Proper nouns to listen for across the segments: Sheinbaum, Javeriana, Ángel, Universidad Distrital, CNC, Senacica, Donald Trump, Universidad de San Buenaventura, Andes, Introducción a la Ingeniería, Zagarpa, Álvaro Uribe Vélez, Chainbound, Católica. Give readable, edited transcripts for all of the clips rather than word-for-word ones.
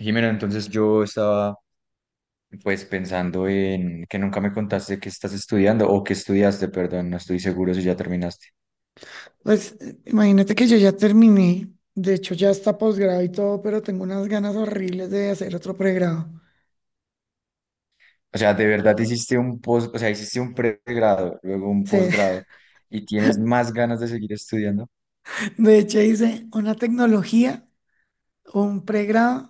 Jimena, entonces yo estaba pues pensando en que nunca me contaste que estás estudiando o que estudiaste, perdón, no estoy seguro si ya terminaste. Pues imagínate que yo ya terminé, de hecho ya está posgrado y todo, pero tengo unas ganas horribles de hacer otro pregrado. O sea, de verdad hiciste o sea, hiciste un pregrado, luego un Sí, posgrado y tienes más ganas de seguir estudiando. de hecho hice una tecnología, un pregrado,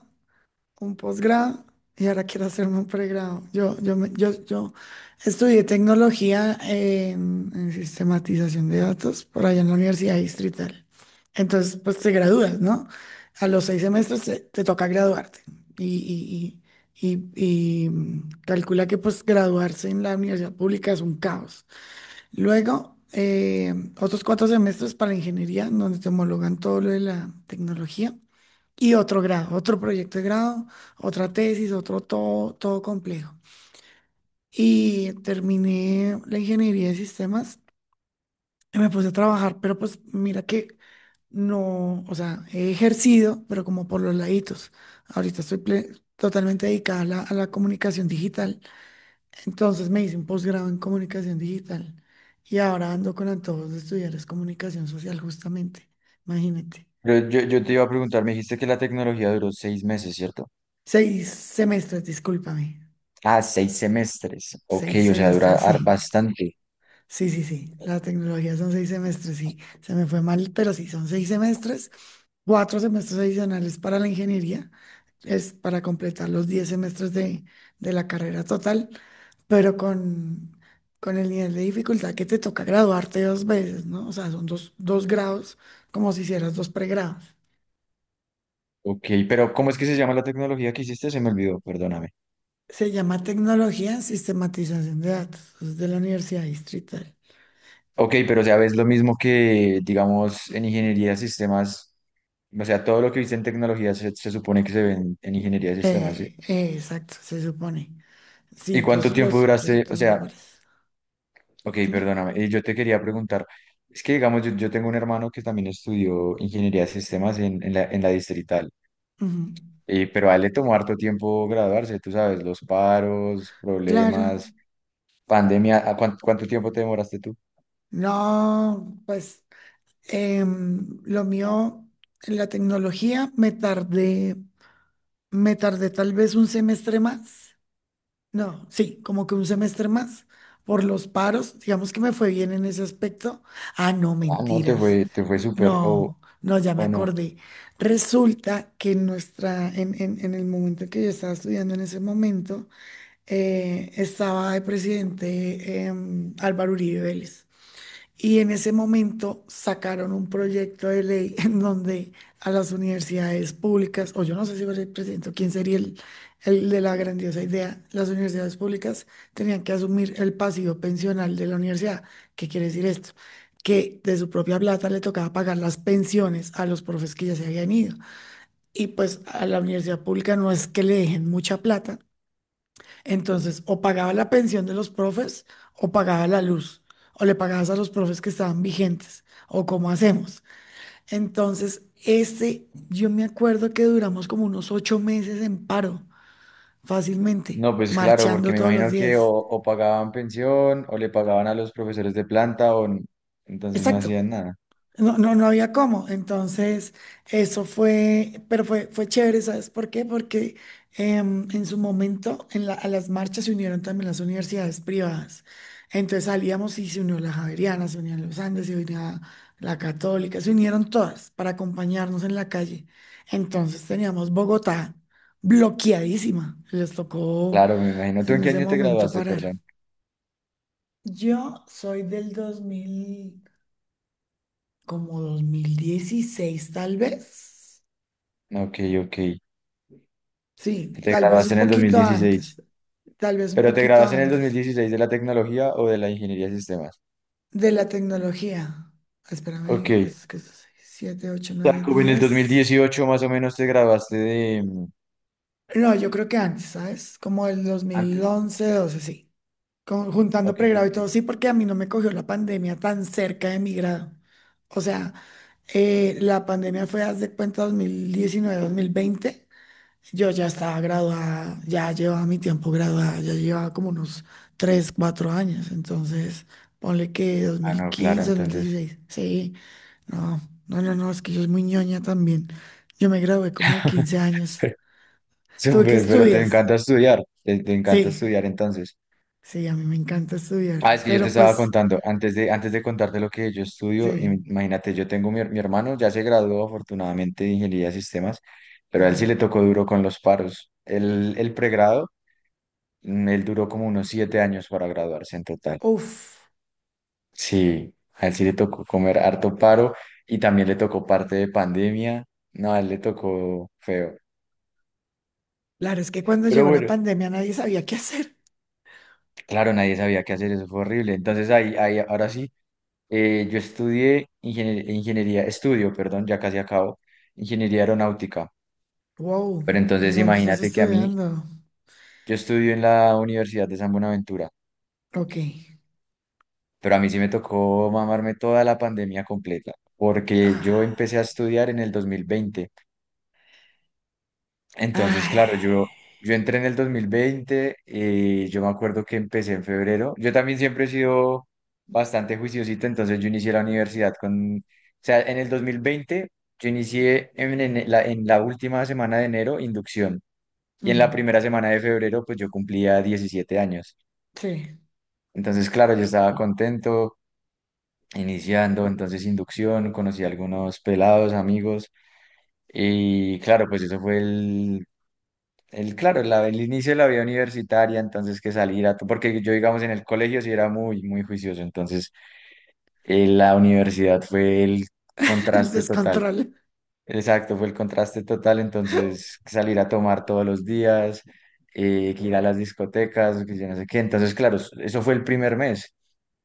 un posgrado y ahora quiero hacerme un pregrado. Yo estudié tecnología en sistematización de datos por allá en la Universidad Distrital. Entonces, pues te gradúas, ¿no? A los 6 semestres te toca graduarte. Y, y calcula que pues graduarse en la universidad pública es un caos. Luego, otros 4 semestres para ingeniería, donde te homologan todo lo de la tecnología y otro grado, otro proyecto de grado, otra tesis, otro todo, todo complejo. Y terminé la ingeniería de sistemas y me puse a trabajar, pero pues mira que no, o sea, he ejercido, pero como por los laditos. Ahorita estoy totalmente dedicada a la comunicación digital. Entonces me hice un posgrado en comunicación digital y ahora ando con antojos de estudiar es comunicación social justamente. Imagínate. Yo te iba a preguntar, me dijiste que la tecnología duró 6 meses, ¿cierto? Seis semestres, discúlpame. Ah, 6 semestres. Ok, Seis o sea, dura semestres, sí. Bastante. Sí, sí, sí. La tecnología son 6 semestres, sí. Se me fue mal, pero sí, son 6 semestres, 4 semestres adicionales para la ingeniería, es para completar los 10 semestres de la carrera total, pero con el nivel de dificultad que te toca graduarte dos veces, ¿no? O sea, son dos, dos grados, como si hicieras dos pregrados. Ok, pero ¿cómo es que se llama la tecnología que hiciste? Se me olvidó, perdóname. Se llama tecnología en sistematización de datos, es de la Universidad Distrital. Ok, pero o sea, ves lo mismo que, digamos, en ingeniería de sistemas, o sea, todo lo que viste en tecnología se supone que se ve en ingeniería de sistemas, ¿sí? Exacto, se supone. ¿Y Sí, cuánto tiempo los duraste? O proyectos son sea, iguales. ok, Dime. perdóname, yo te quería preguntar, es que, digamos, yo tengo un hermano que también estudió ingeniería de sistemas en la Distrital, Ujú. Pero a él le tomó harto tiempo graduarse, tú sabes, los paros, Claro. problemas, pandemia, ¿cuánto, tiempo te demoraste tú? No, pues lo mío, en la tecnología, me tardé tal vez un semestre más. No, sí, como que un semestre más por los paros. Digamos que me fue bien en ese aspecto. Ah, no, Ah, no, te mentiras. fue, te fue súper, o No, no, ya me o no. acordé. Resulta que en nuestra, en el momento en que yo estaba estudiando en ese momento, estaba de presidente Álvaro Uribe Vélez. Y en ese momento sacaron un proyecto de ley en donde a las universidades públicas, o yo no sé si fue el presidente o quién sería el de la grandiosa idea, las universidades públicas tenían que asumir el pasivo pensional de la universidad. ¿Qué quiere decir esto? Que de su propia plata le tocaba pagar las pensiones a los profes que ya se habían ido. Y pues a la universidad pública no es que le dejen mucha plata, entonces, o pagaba la pensión de los profes o pagaba la luz, o le pagabas a los profes que estaban vigentes, o cómo hacemos. Entonces, este, yo me acuerdo que duramos como unos 8 meses en paro, fácilmente, No, pues claro, porque marchando me todos los imagino que o, días. o pagaban pensión o le pagaban a los profesores de planta entonces no Exacto. hacían nada. No, no, no había cómo. Entonces, eso fue, pero fue, fue chévere, ¿sabes por qué? Porque en su momento en a las marchas se unieron también las universidades privadas. Entonces salíamos y se unió la Javeriana, se unían los Andes, se unía la Católica, se unieron todas para acompañarnos en la calle. Entonces teníamos Bogotá bloqueadísima. Les tocó Claro, me imagino. ¿Tú en en qué ese año te momento graduaste, parar. perdón? Yo soy del 2000 como 2016 tal vez. Ok, ok. Sí, Te tal vez graduaste un en el dos mil poquito dieciséis antes, tal vez un ¿Pero te poquito graduaste en el dos mil antes dieciséis de la tecnología o de la ingeniería de sistemas? de la tecnología. Ok. Espérame, es que es 7, 8, O sea, 9, como en el dos mil 10. dieciocho más o menos te graduaste de... No, yo creo que antes, ¿sabes? Como el ¿Antes? 2011, 12, sí. Juntando Ok, pregrado y todo, ok. sí, porque a mí no me cogió la pandemia tan cerca de mi grado. O sea, la pandemia fue, haz de cuenta, 2019, 2020. Yo ya estaba graduada, ya llevaba mi tiempo graduada, ya llevaba como unos 3 4 años, entonces ponle que dos Ah, mil no, claro, quince dos mil entonces. dieciséis sí, no, no, es que yo soy muy ñoña también, yo me gradué como de 15 años, ¿tú qué Súper, pero te estudias? encanta estudiar. Te encanta Sí, estudiar entonces. sí, a mí me encanta estudiar, Ah, es que yo te pero estaba pues, contando, antes de contarte lo que yo estudio, sí, imagínate, yo tengo mi hermano, ya se graduó afortunadamente de ingeniería de sistemas, pero a él sí ajá, le tocó duro con los paros. El pregrado, él duró como unos 7 años para graduarse en total. uf, Sí, a él sí le tocó comer harto paro y también le tocó parte de pandemia. No, a él le tocó feo. claro, es que cuando Pero llegó la bueno, pandemia nadie sabía qué hacer, claro, nadie sabía qué hacer, eso fue horrible. Entonces ahí ahora sí. Yo estudié ingeniería, estudio, perdón, ya casi acabo, ingeniería aeronáutica. wow, Pero ¿en entonces ¿dónde estás imagínate que a mí, estudiando? yo estudio en la Universidad de San Buenaventura, Ok, pero a mí sí me tocó mamarme toda la pandemia completa, porque yo ah. empecé a estudiar en el 2020. Entonces, Ay, claro, yo entré en el 2020 y yo me acuerdo que empecé en febrero. Yo también siempre he sido bastante juiciosito, entonces yo inicié la universidad o sea, en el 2020 yo inicié en la última semana de enero inducción y en la mm, primera semana de febrero pues yo cumplía 17 años. sí, Entonces, claro, yo estaba contento iniciando, entonces inducción, conocí a algunos pelados, amigos y claro, pues eso fue el inicio de la vida universitaria, entonces que salir a... Porque yo, digamos, en el colegio sí era muy, muy juicioso, entonces la universidad fue el el contraste total. descontrol. Exacto, fue el contraste total, entonces salir a tomar todos los días, que ir a las discotecas, que yo no sé qué. Entonces, claro, eso fue el primer mes.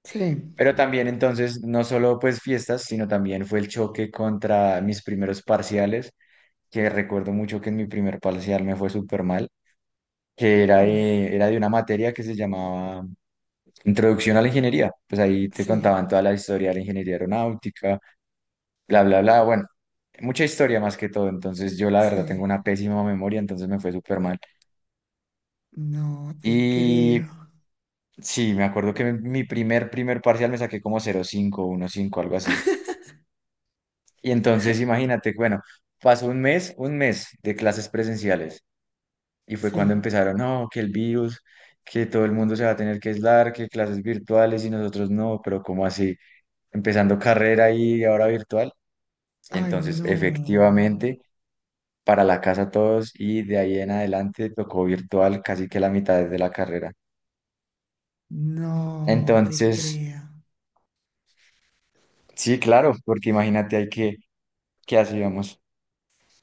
Sí, Pero también entonces, no solo pues fiestas, sino también fue el choque contra mis primeros parciales, que recuerdo mucho que en mi primer parcial me fue súper mal, que era uf, de, era de una materia que se llamaba Introducción a la Ingeniería. Pues ahí te sí, contaban toda la historia de la ingeniería aeronáutica, bla, bla, bla. Bueno, mucha historia más que todo. Entonces yo la verdad tengo sí. una pésima memoria, entonces me fue súper mal. No te Y creo. sí, me acuerdo que mi primer parcial me saqué como 0.5, cinco algo así. Y entonces imagínate, bueno, pasó un mes de clases presenciales. Y fue cuando Sí. empezaron, no, que el virus, que todo el mundo se va a tener que aislar, que clases virtuales y nosotros no, pero ¿cómo así? Empezando carrera y ahora virtual. Ay, Entonces, no, efectivamente, para la casa todos y de ahí en adelante tocó virtual casi que la mitad de la carrera. no te Entonces, creo. sí, claro, porque imagínate ahí que, ¿qué hacíamos?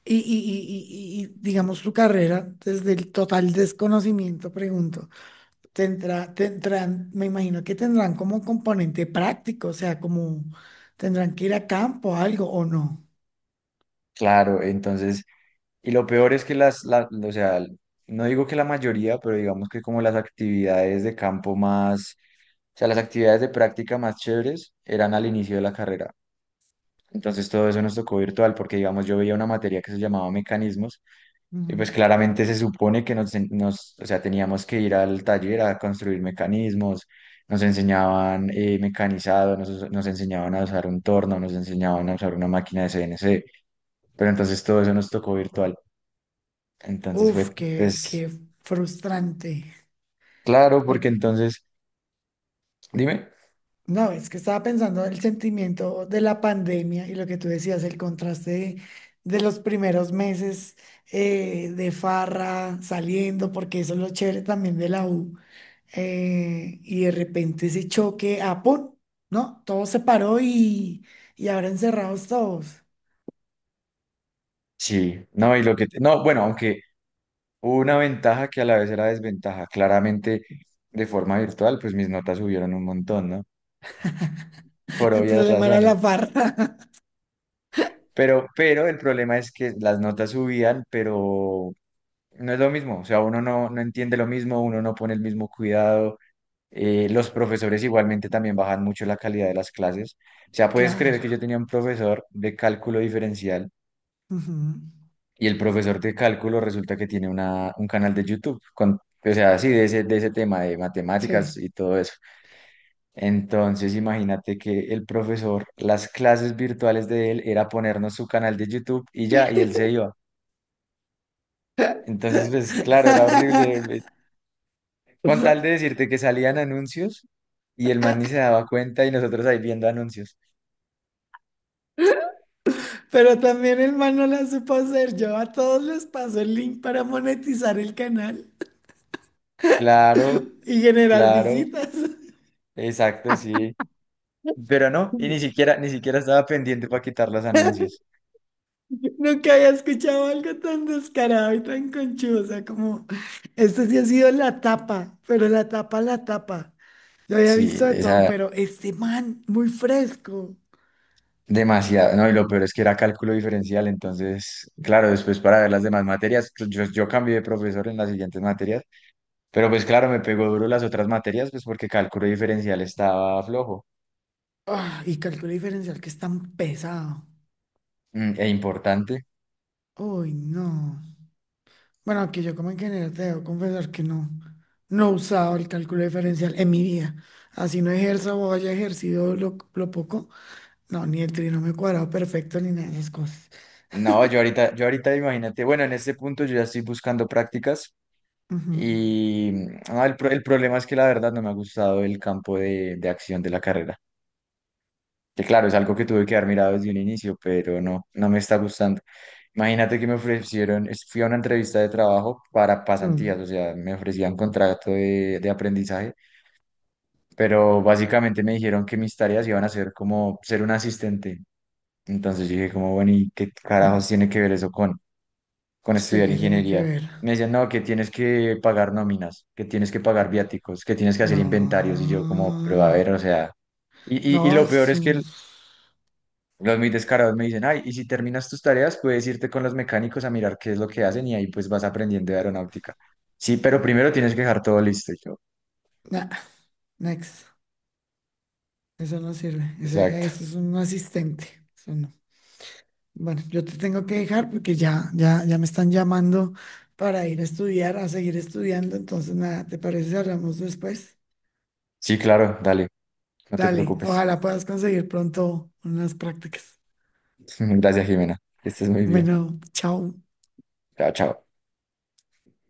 Digamos tu carrera, desde el total desconocimiento, pregunto, tendrán, me imagino que tendrán como componente práctico, o sea, como tendrán que ir a campo, algo o no. Claro, entonces, y lo peor es que o sea, no digo que la mayoría, pero digamos que como las actividades de campo más. O sea, las actividades de práctica más chéveres eran al inicio de la carrera. Entonces todo eso nos tocó virtual porque, digamos, yo veía una materia que se llamaba mecanismos y Ujú. pues claramente se supone que nos o sea, teníamos que ir al taller a construir mecanismos, nos enseñaban mecanizado, nos enseñaban a usar un torno, nos enseñaban a usar una máquina de CNC, pero entonces todo eso nos tocó virtual. Entonces fue, Uf, qué, pues, qué frustrante. claro, Por- porque entonces, dime, no, es que estaba pensando en el sentimiento de la pandemia y lo que tú decías, el contraste de los primeros meses de farra, saliendo, porque eso es lo chévere también de la U. Y de repente ese choque, ah, ¡pum! ¿No? Todo se paró y ahora encerrados todos. sí, no, y lo que, no, bueno, aunque... una ventaja que a la vez era desventaja. Claramente, de forma virtual, pues mis notas subieron un montón, ¿no? Por El obvias problema era razones. la farra. Pero, el problema es que las notas subían, pero no es lo mismo. O sea, uno no entiende lo mismo, uno no pone el mismo cuidado. Los profesores igualmente también bajan mucho la calidad de las clases. O sea, puedes creer Claro. que yo tenía un profesor de cálculo diferencial Ujú. y el profesor de cálculo resulta que tiene un canal de YouTube con, o sea, así de ese, tema de Sí. matemáticas y todo eso. Entonces, imagínate que el profesor, las clases virtuales de él era ponernos su canal de YouTube y ya, y él se iba. Entonces, pues claro, era horrible. Con tal de decirte que salían anuncios y el man ni se daba cuenta y nosotros ahí viendo anuncios. Pero también el man no la supo hacer. Yo a todos les paso el link para monetizar el canal Claro, y generar claro, visitas. exacto, sí. Pero no, y ni siquiera, ni siquiera estaba pendiente para quitar los anuncios. Nunca había escuchado algo tan descarado y tan conchudo. O sea, como esto sí ha sido la tapa, pero la tapa, la tapa. Yo había visto Sí, de todo, esa, pero este man, muy fresco. demasiado, no, y lo peor es que era cálculo diferencial, entonces, claro, después para ver las demás materias, pues, yo cambié de profesor en las siguientes materias, pero pues claro, me pegó duro las otras materias, pues porque cálculo diferencial estaba flojo Ah, y cálculo diferencial que es tan pesado. E importante. Uy, no. Bueno, aquí yo como ingeniero te debo confesar que no, no he usado el cálculo diferencial en mi vida. Así no ejerzo o haya ejercido lo poco. No, ni el trinomio cuadrado perfecto ni nada de esas cosas. No, yo ahorita imagínate, bueno, en este punto yo ya estoy buscando prácticas Ujú. y no, el problema es que la verdad no me ha gustado el campo de acción de la carrera, que claro, es algo que tuve que haber mirado desde un inicio, pero no, no me está gustando. Imagínate que me ofrecieron, fui a una entrevista de trabajo para pasantías, Mm. o sea, me ofrecían contrato de aprendizaje, pero básicamente me dijeron que mis tareas iban a ser como ser un asistente. Entonces yo dije como, bueno, ¿y qué carajos tiene que ver eso con Sí, estudiar que tiene que ingeniería? ver. Me decían, no, que tienes que pagar nóminas, que tienes que pagar viáticos, que tienes que hacer inventarios. Y yo como, pero a No. ver, o sea, y, No, y lo peor es es un... que los muy descarados me dicen, ay, y si terminas tus tareas, puedes irte con los mecánicos a mirar qué es lo que hacen y ahí pues vas aprendiendo de aeronáutica. Sí, pero primero tienes que dejar todo listo. Y yo, Nah, next. Eso no sirve. Ese exacto. es un asistente. Eso no. Bueno, yo te tengo que dejar porque ya me están llamando para ir a estudiar, a seguir estudiando. Entonces, nada, ¿te parece si hablamos después? Sí, claro, dale, no te Dale, preocupes. ojalá puedas conseguir pronto unas prácticas. Gracias, Jimena. Que estés muy bien. Bueno, chao. Chao, chao.